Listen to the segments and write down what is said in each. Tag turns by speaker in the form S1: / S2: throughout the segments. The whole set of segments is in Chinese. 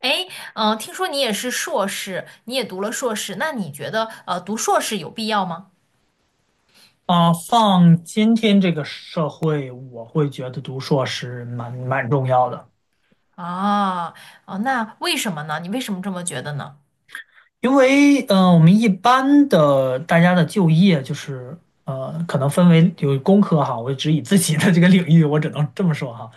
S1: 哎，听说你也是硕士，你也读了硕士，那你觉得读硕士有必要吗？
S2: 啊，放今天这个社会，我会觉得读硕士蛮重要的。
S1: 啊，哦，那为什么呢？你为什么这么觉得呢？
S2: 因为我们一般的大家的就业就是可能分为有工科哈，我只以自己的这个领域，我只能这么说哈。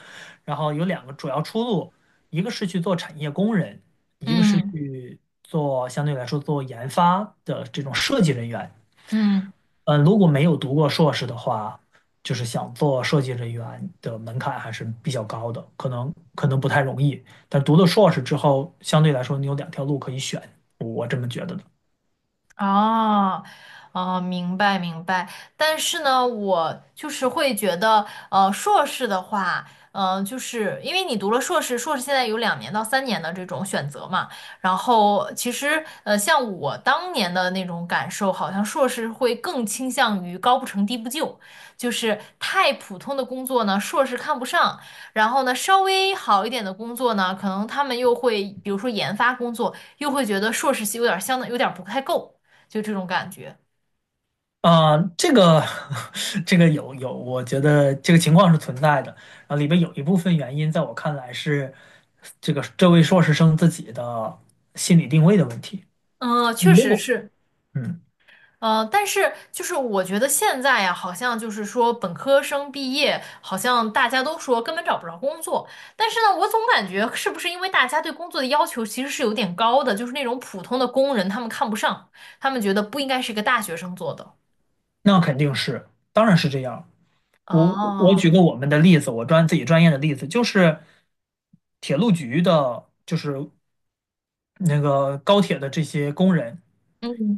S2: 然后有两个主要出路，一个是去做产业工人，一个是
S1: 嗯
S2: 去做相对来说做研发的这种设计人员。
S1: 嗯。
S2: 嗯，如果没有读过硕士的话，就是想做设计人员的门槛还是比较高的，可能不太容易。但读了硕士之后，相对来说你有两条路可以选，我这么觉得的。
S1: 哦，哦，明白明白。但是呢，我就是会觉得，硕士的话，就是因为你读了硕士，硕士现在有两年到三年的这种选择嘛。然后其实，像我当年的那种感受，好像硕士会更倾向于高不成低不就，就是太普通的工作呢，硕士看不上。然后呢，稍微好一点的工作呢，可能他们又会，比如说研发工作，又会觉得硕士系有点儿相当有点儿不太够。就这种感觉。
S2: 啊、这个 这个有，我觉得这个情况是存在的。然后里边有一部分原因，在我看来是这个这位硕士生自己的心理定位的问题。
S1: 嗯，确
S2: 如
S1: 实
S2: 果
S1: 是。
S2: 嗯，
S1: 嗯，但是就是我觉得现在呀，好像就是说本科生毕业，好像大家都说根本找不着工作。但是呢，我总感觉是不是因为大家对工作的要求其实是有点高的，就是那种普通的工人他们看不上，他们觉得不应该是一个大学生做的。
S2: 那肯定是，当然是这样。我我举
S1: 哦，
S2: 个我们的例子，我专自己专业的例子，就是铁路局的，就是那个高铁的这些工人，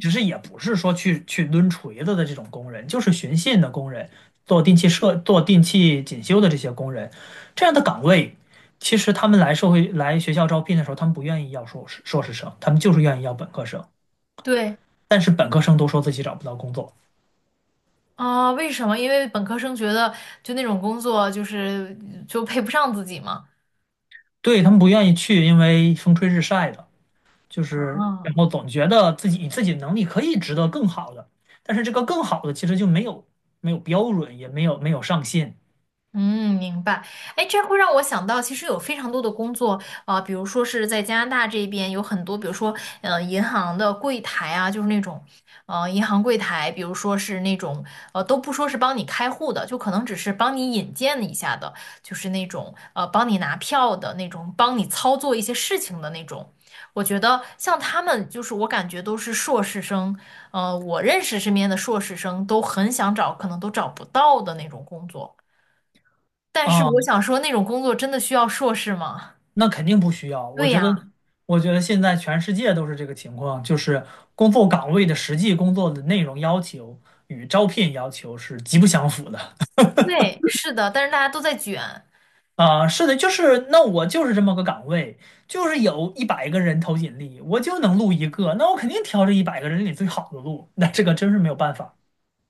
S2: 其实也不是说去抡锤子的这种工人，就是巡线的工人，做定期设做定期检修的这些工人，这样的岗位，其实他们来社会来学校招聘的时候，他们不愿意要硕士生，他们就是愿意要本科生，
S1: 对。
S2: 但是本科生都说自己找不到工作。
S1: 啊，为什么？因为本科生觉得就那种工作就是配不上自己嘛。
S2: 对，他们不愿意去，因为风吹日晒的。就是然
S1: 啊。
S2: 后总觉得自己以自己的能力可以值得更好的，但是这个更好的其实就没有标准，也没有上限。
S1: 嗯，明白。哎，这会让我想到，其实有非常多的工作，啊，比如说是在加拿大这边有很多，比如说，银行的柜台啊，就是那种，银行柜台，比如说是那种，都不说是帮你开户的，就可能只是帮你引荐一下的，就是那种，帮你拿票的那种，帮你操作一些事情的那种。我觉得像他们，就是我感觉都是硕士生，我认识身边的硕士生都很想找，可能都找不到的那种工作。但是
S2: 啊，
S1: 我想说，那种工作真的需要硕士吗？
S2: 那肯定不需要。我
S1: 对
S2: 觉得，
S1: 呀，
S2: 我觉得现在全世界都是这个情况，就是工作岗位的实际工作的内容要求与招聘要求是极不相符的。
S1: 对，是的，但是大家都在卷，
S2: 啊，是的，就是那我就是这么个岗位，就是有一百个人投简历，我就能录一个，那我肯定挑这一百个人里最好的录，那这个真是没有办法。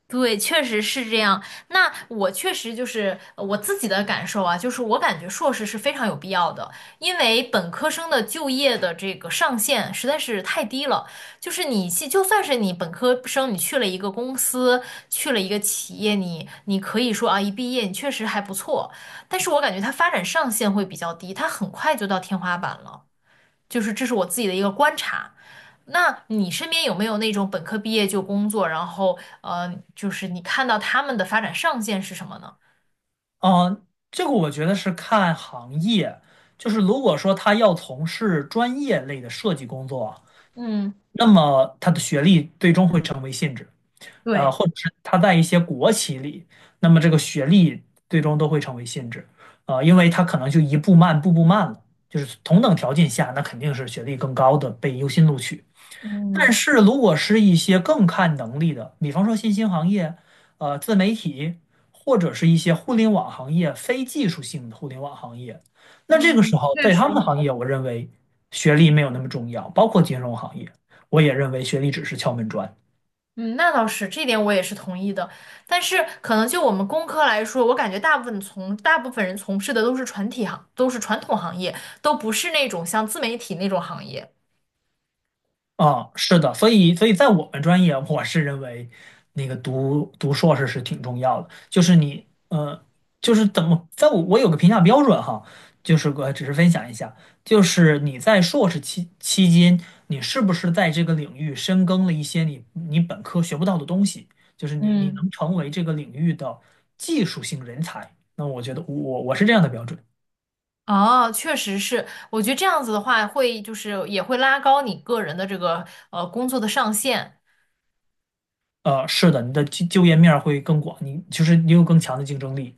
S1: 对，确实是这样。那我确实就是我自己的感受啊，就是我感觉硕士是非常有必要的，因为本科生的就业的这个上限实在是太低了。就是你去，就算是你本科生，你去了一个公司，去了一个企业，你可以说啊，一毕业你确实还不错，但是我感觉它发展上限会比较低，它很快就到天花板了。就是这是我自己的一个观察。那你身边有没有那种本科毕业就工作，然后就是你看到他们的发展上限是什么呢？
S2: 嗯，这个我觉得是看行业，就是如果说他要从事专业类的设计工作，
S1: 嗯，
S2: 那么他的学历最终会成为限制。
S1: 对，
S2: 或者是他在一些国企里，那么这个学历最终都会成为限制。因为他可能就一步慢，步步慢了，就是同等条件下，那肯定是学历更高的被优先录取。但
S1: 嗯
S2: 是如果是一些更看能力的，比方说新兴行业、自媒体，或者是一些互联网行业、非技术性的互联网行业，那这个
S1: 嗯，
S2: 时候
S1: 确
S2: 在
S1: 实，
S2: 他们的行业，我认为学历没有那么重要，包括金融行业，我也认为学历只是敲门砖。
S1: 嗯，那倒是，这点我也是同意的。但是可能就我们工科来说，我感觉大部分人从事的都是传统行业，都不是那种像自媒体那种行业。
S2: 啊，是的，所以在我们专业，我是认为那个读硕士是挺重要的，就是你,就是怎么，在我有个评价标准哈，就是我只是分享一下，就是你在硕士期间，你是不是在这个领域深耕了一些你本科学不到的东西，就是你
S1: 嗯。
S2: 能成为这个领域的技术性人才，那我觉得我是这样的标准。
S1: 哦，确实是，我觉得这样子的话，会就是也会拉高你个人的这个工作的上限，
S2: 是的，你的就业面儿会更广，你就是你有更强的竞争力。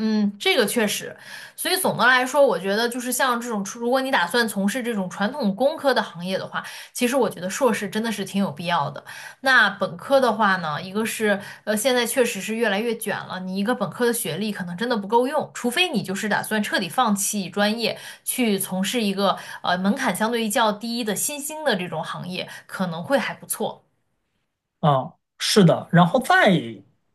S1: 嗯，这个确实，所以总的来说，我觉得就是像这种，如果你打算从事这种传统工科的行业的话，其实我觉得硕士真的是挺有必要的。那本科的话呢，一个是现在确实是越来越卷了，你一个本科的学历可能真的不够用，除非你就是打算彻底放弃专业，去从事一个门槛相对于较低的新兴的这种行业，可能会还不错。
S2: 啊，是的，然后再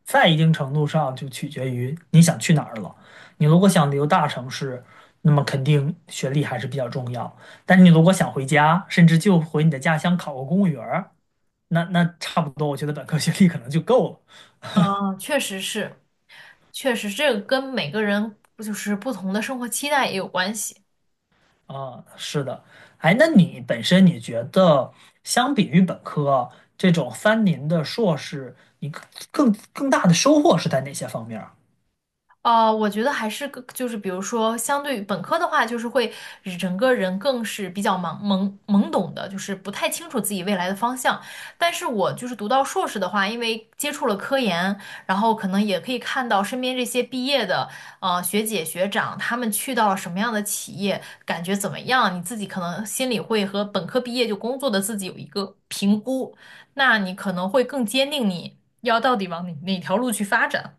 S2: 在一定程度上就取决于你想去哪儿了。你如果想留大城市，那么肯定学历还是比较重要。但你如果想回家，甚至就回你的家乡考个公务员儿，那那差不多，我觉得本科学历可能就够了。
S1: 嗯，确实是，确实这个跟每个人不就是不同的生活期待也有关系。
S2: 啊，是的。哎，那你本身你觉得，相比于本科这种三年的硕士，你更大的收获是在哪些方面儿？
S1: 我觉得还是个就是，比如说，相对于本科的话，就是会整个人更是比较懵懵懵懂的，就是不太清楚自己未来的方向。但是我就是读到硕士的话，因为接触了科研，然后可能也可以看到身边这些毕业的学姐学长，他们去到了什么样的企业，感觉怎么样，你自己可能心里会和本科毕业就工作的自己有一个评估，那你可能会更坚定你要到底往哪条路去发展。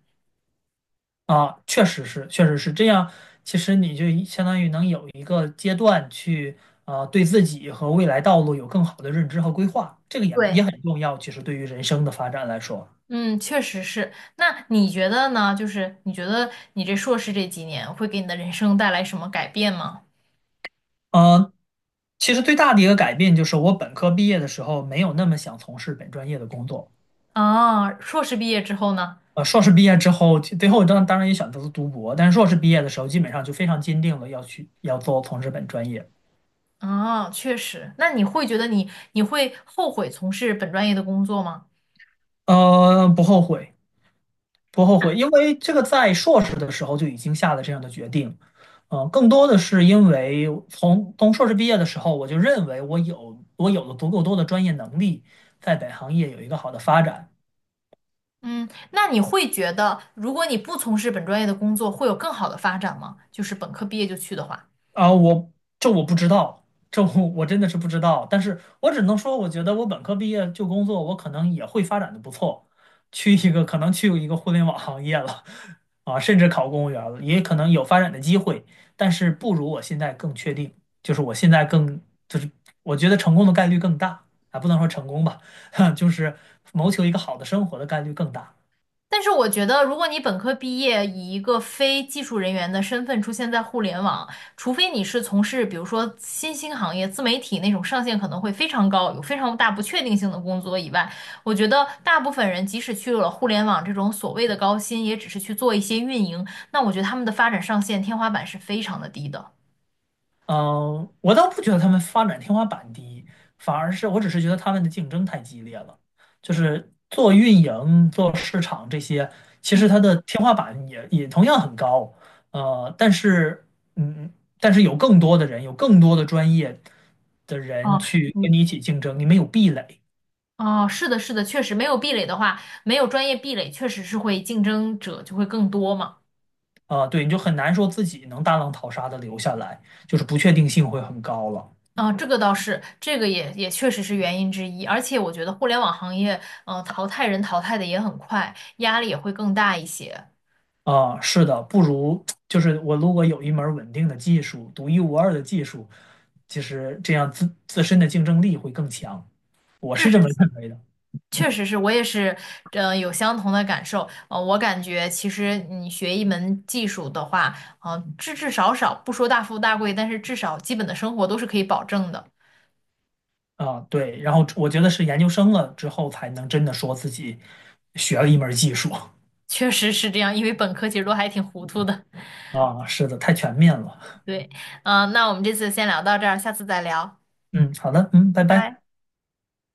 S2: 啊，确实是，确实是这样。其实你就一相当于能有一个阶段去，对自己和未来道路有更好的认知和规划，这个也也
S1: 对。
S2: 很重要。其实对于人生的发展来说，
S1: 嗯，确实是。那你觉得呢？就是你觉得你这硕士这几年会给你的人生带来什么改变吗？
S2: 呃，其实最大的一个改变就是我本科毕业的时候没有那么想从事本专业的工作。
S1: 啊，硕士毕业之后呢？
S2: 硕士毕业之后，其最后当当然也选择了读博，但是硕士毕业的时候基本上就非常坚定了要去要做从事本专业。
S1: 啊，确实。那你会觉得你会后悔从事本专业的工作吗？
S2: 不后悔。不后悔，因为这个在硕士的时候就已经下了这样的决定。嗯、更多的是因为从硕士毕业的时候，我就认为我有了足够多的专业能力，在本行业有一个好的发展。
S1: 嗯，那你会觉得如果你不从事本专业的工作，会有更好的发展吗？就是本科毕业就去的话。
S2: 啊，我这我不知道，这我真的是不知道。但是我只能说，我觉得我本科毕业就工作，我可能也会发展的不错，去一个可能去一个互联网行业了，啊，甚至考公务员了，也可能有发展的机会。但是不如我现在更确定，就是我现在更就是我觉得成功的概率更大。啊，不能说成功吧，就是谋求一个好的生活的概率更大。
S1: 但是我觉得，如果你本科毕业，以一个非技术人员的身份出现在互联网，除非你是从事比如说新兴行业、自媒体那种上限可能会非常高、有非常大不确定性的工作以外，我觉得大部分人即使去了互联网这种所谓的高薪，也只是去做一些运营。那我觉得他们的发展上限天花板是非常的低的。
S2: 嗯，我倒不觉得他们发展天花板低，反而是我只是觉得他们的竞争太激烈了。就是做运营、做市场这些，其实
S1: 嗯，
S2: 它的天花板也同样很高。但是,嗯，但是有更多的人，有更多的专业的人
S1: 哦，
S2: 去跟
S1: 你
S2: 你一起竞争，你没有壁垒。
S1: 哦，是的，是的，确实没有壁垒的话，没有专业壁垒，确实是会竞争者就会更多嘛。
S2: 啊，对，你就很难说自己能大浪淘沙的留下来，就是不确定性会很高了。
S1: 嗯，这个倒是，这个也确实是原因之一。而且我觉得互联网行业，淘汰人淘汰的也很快，压力也会更大一些。
S2: 啊，是的，不如就是我如果有一门儿稳定的技术，独一无二的技术，其实这样自身的竞争力会更强，我
S1: 确
S2: 是这
S1: 实
S2: 么
S1: 是，
S2: 认为的。
S1: 确实是我也是，有相同的感受。我感觉其实你学一门技术的话，至少不说大富大贵，但是至少基本的生活都是可以保证的。
S2: 啊，对，然后我觉得是研究生了之后才能真的说自己学了一门儿技术。
S1: 确实是这样，因为本科其实都还挺糊涂的。
S2: 啊，是的，太全面了。
S1: 对，那我们这次先聊到这儿，下次再聊，
S2: 嗯，好的，嗯，
S1: 拜
S2: 拜拜。
S1: 拜。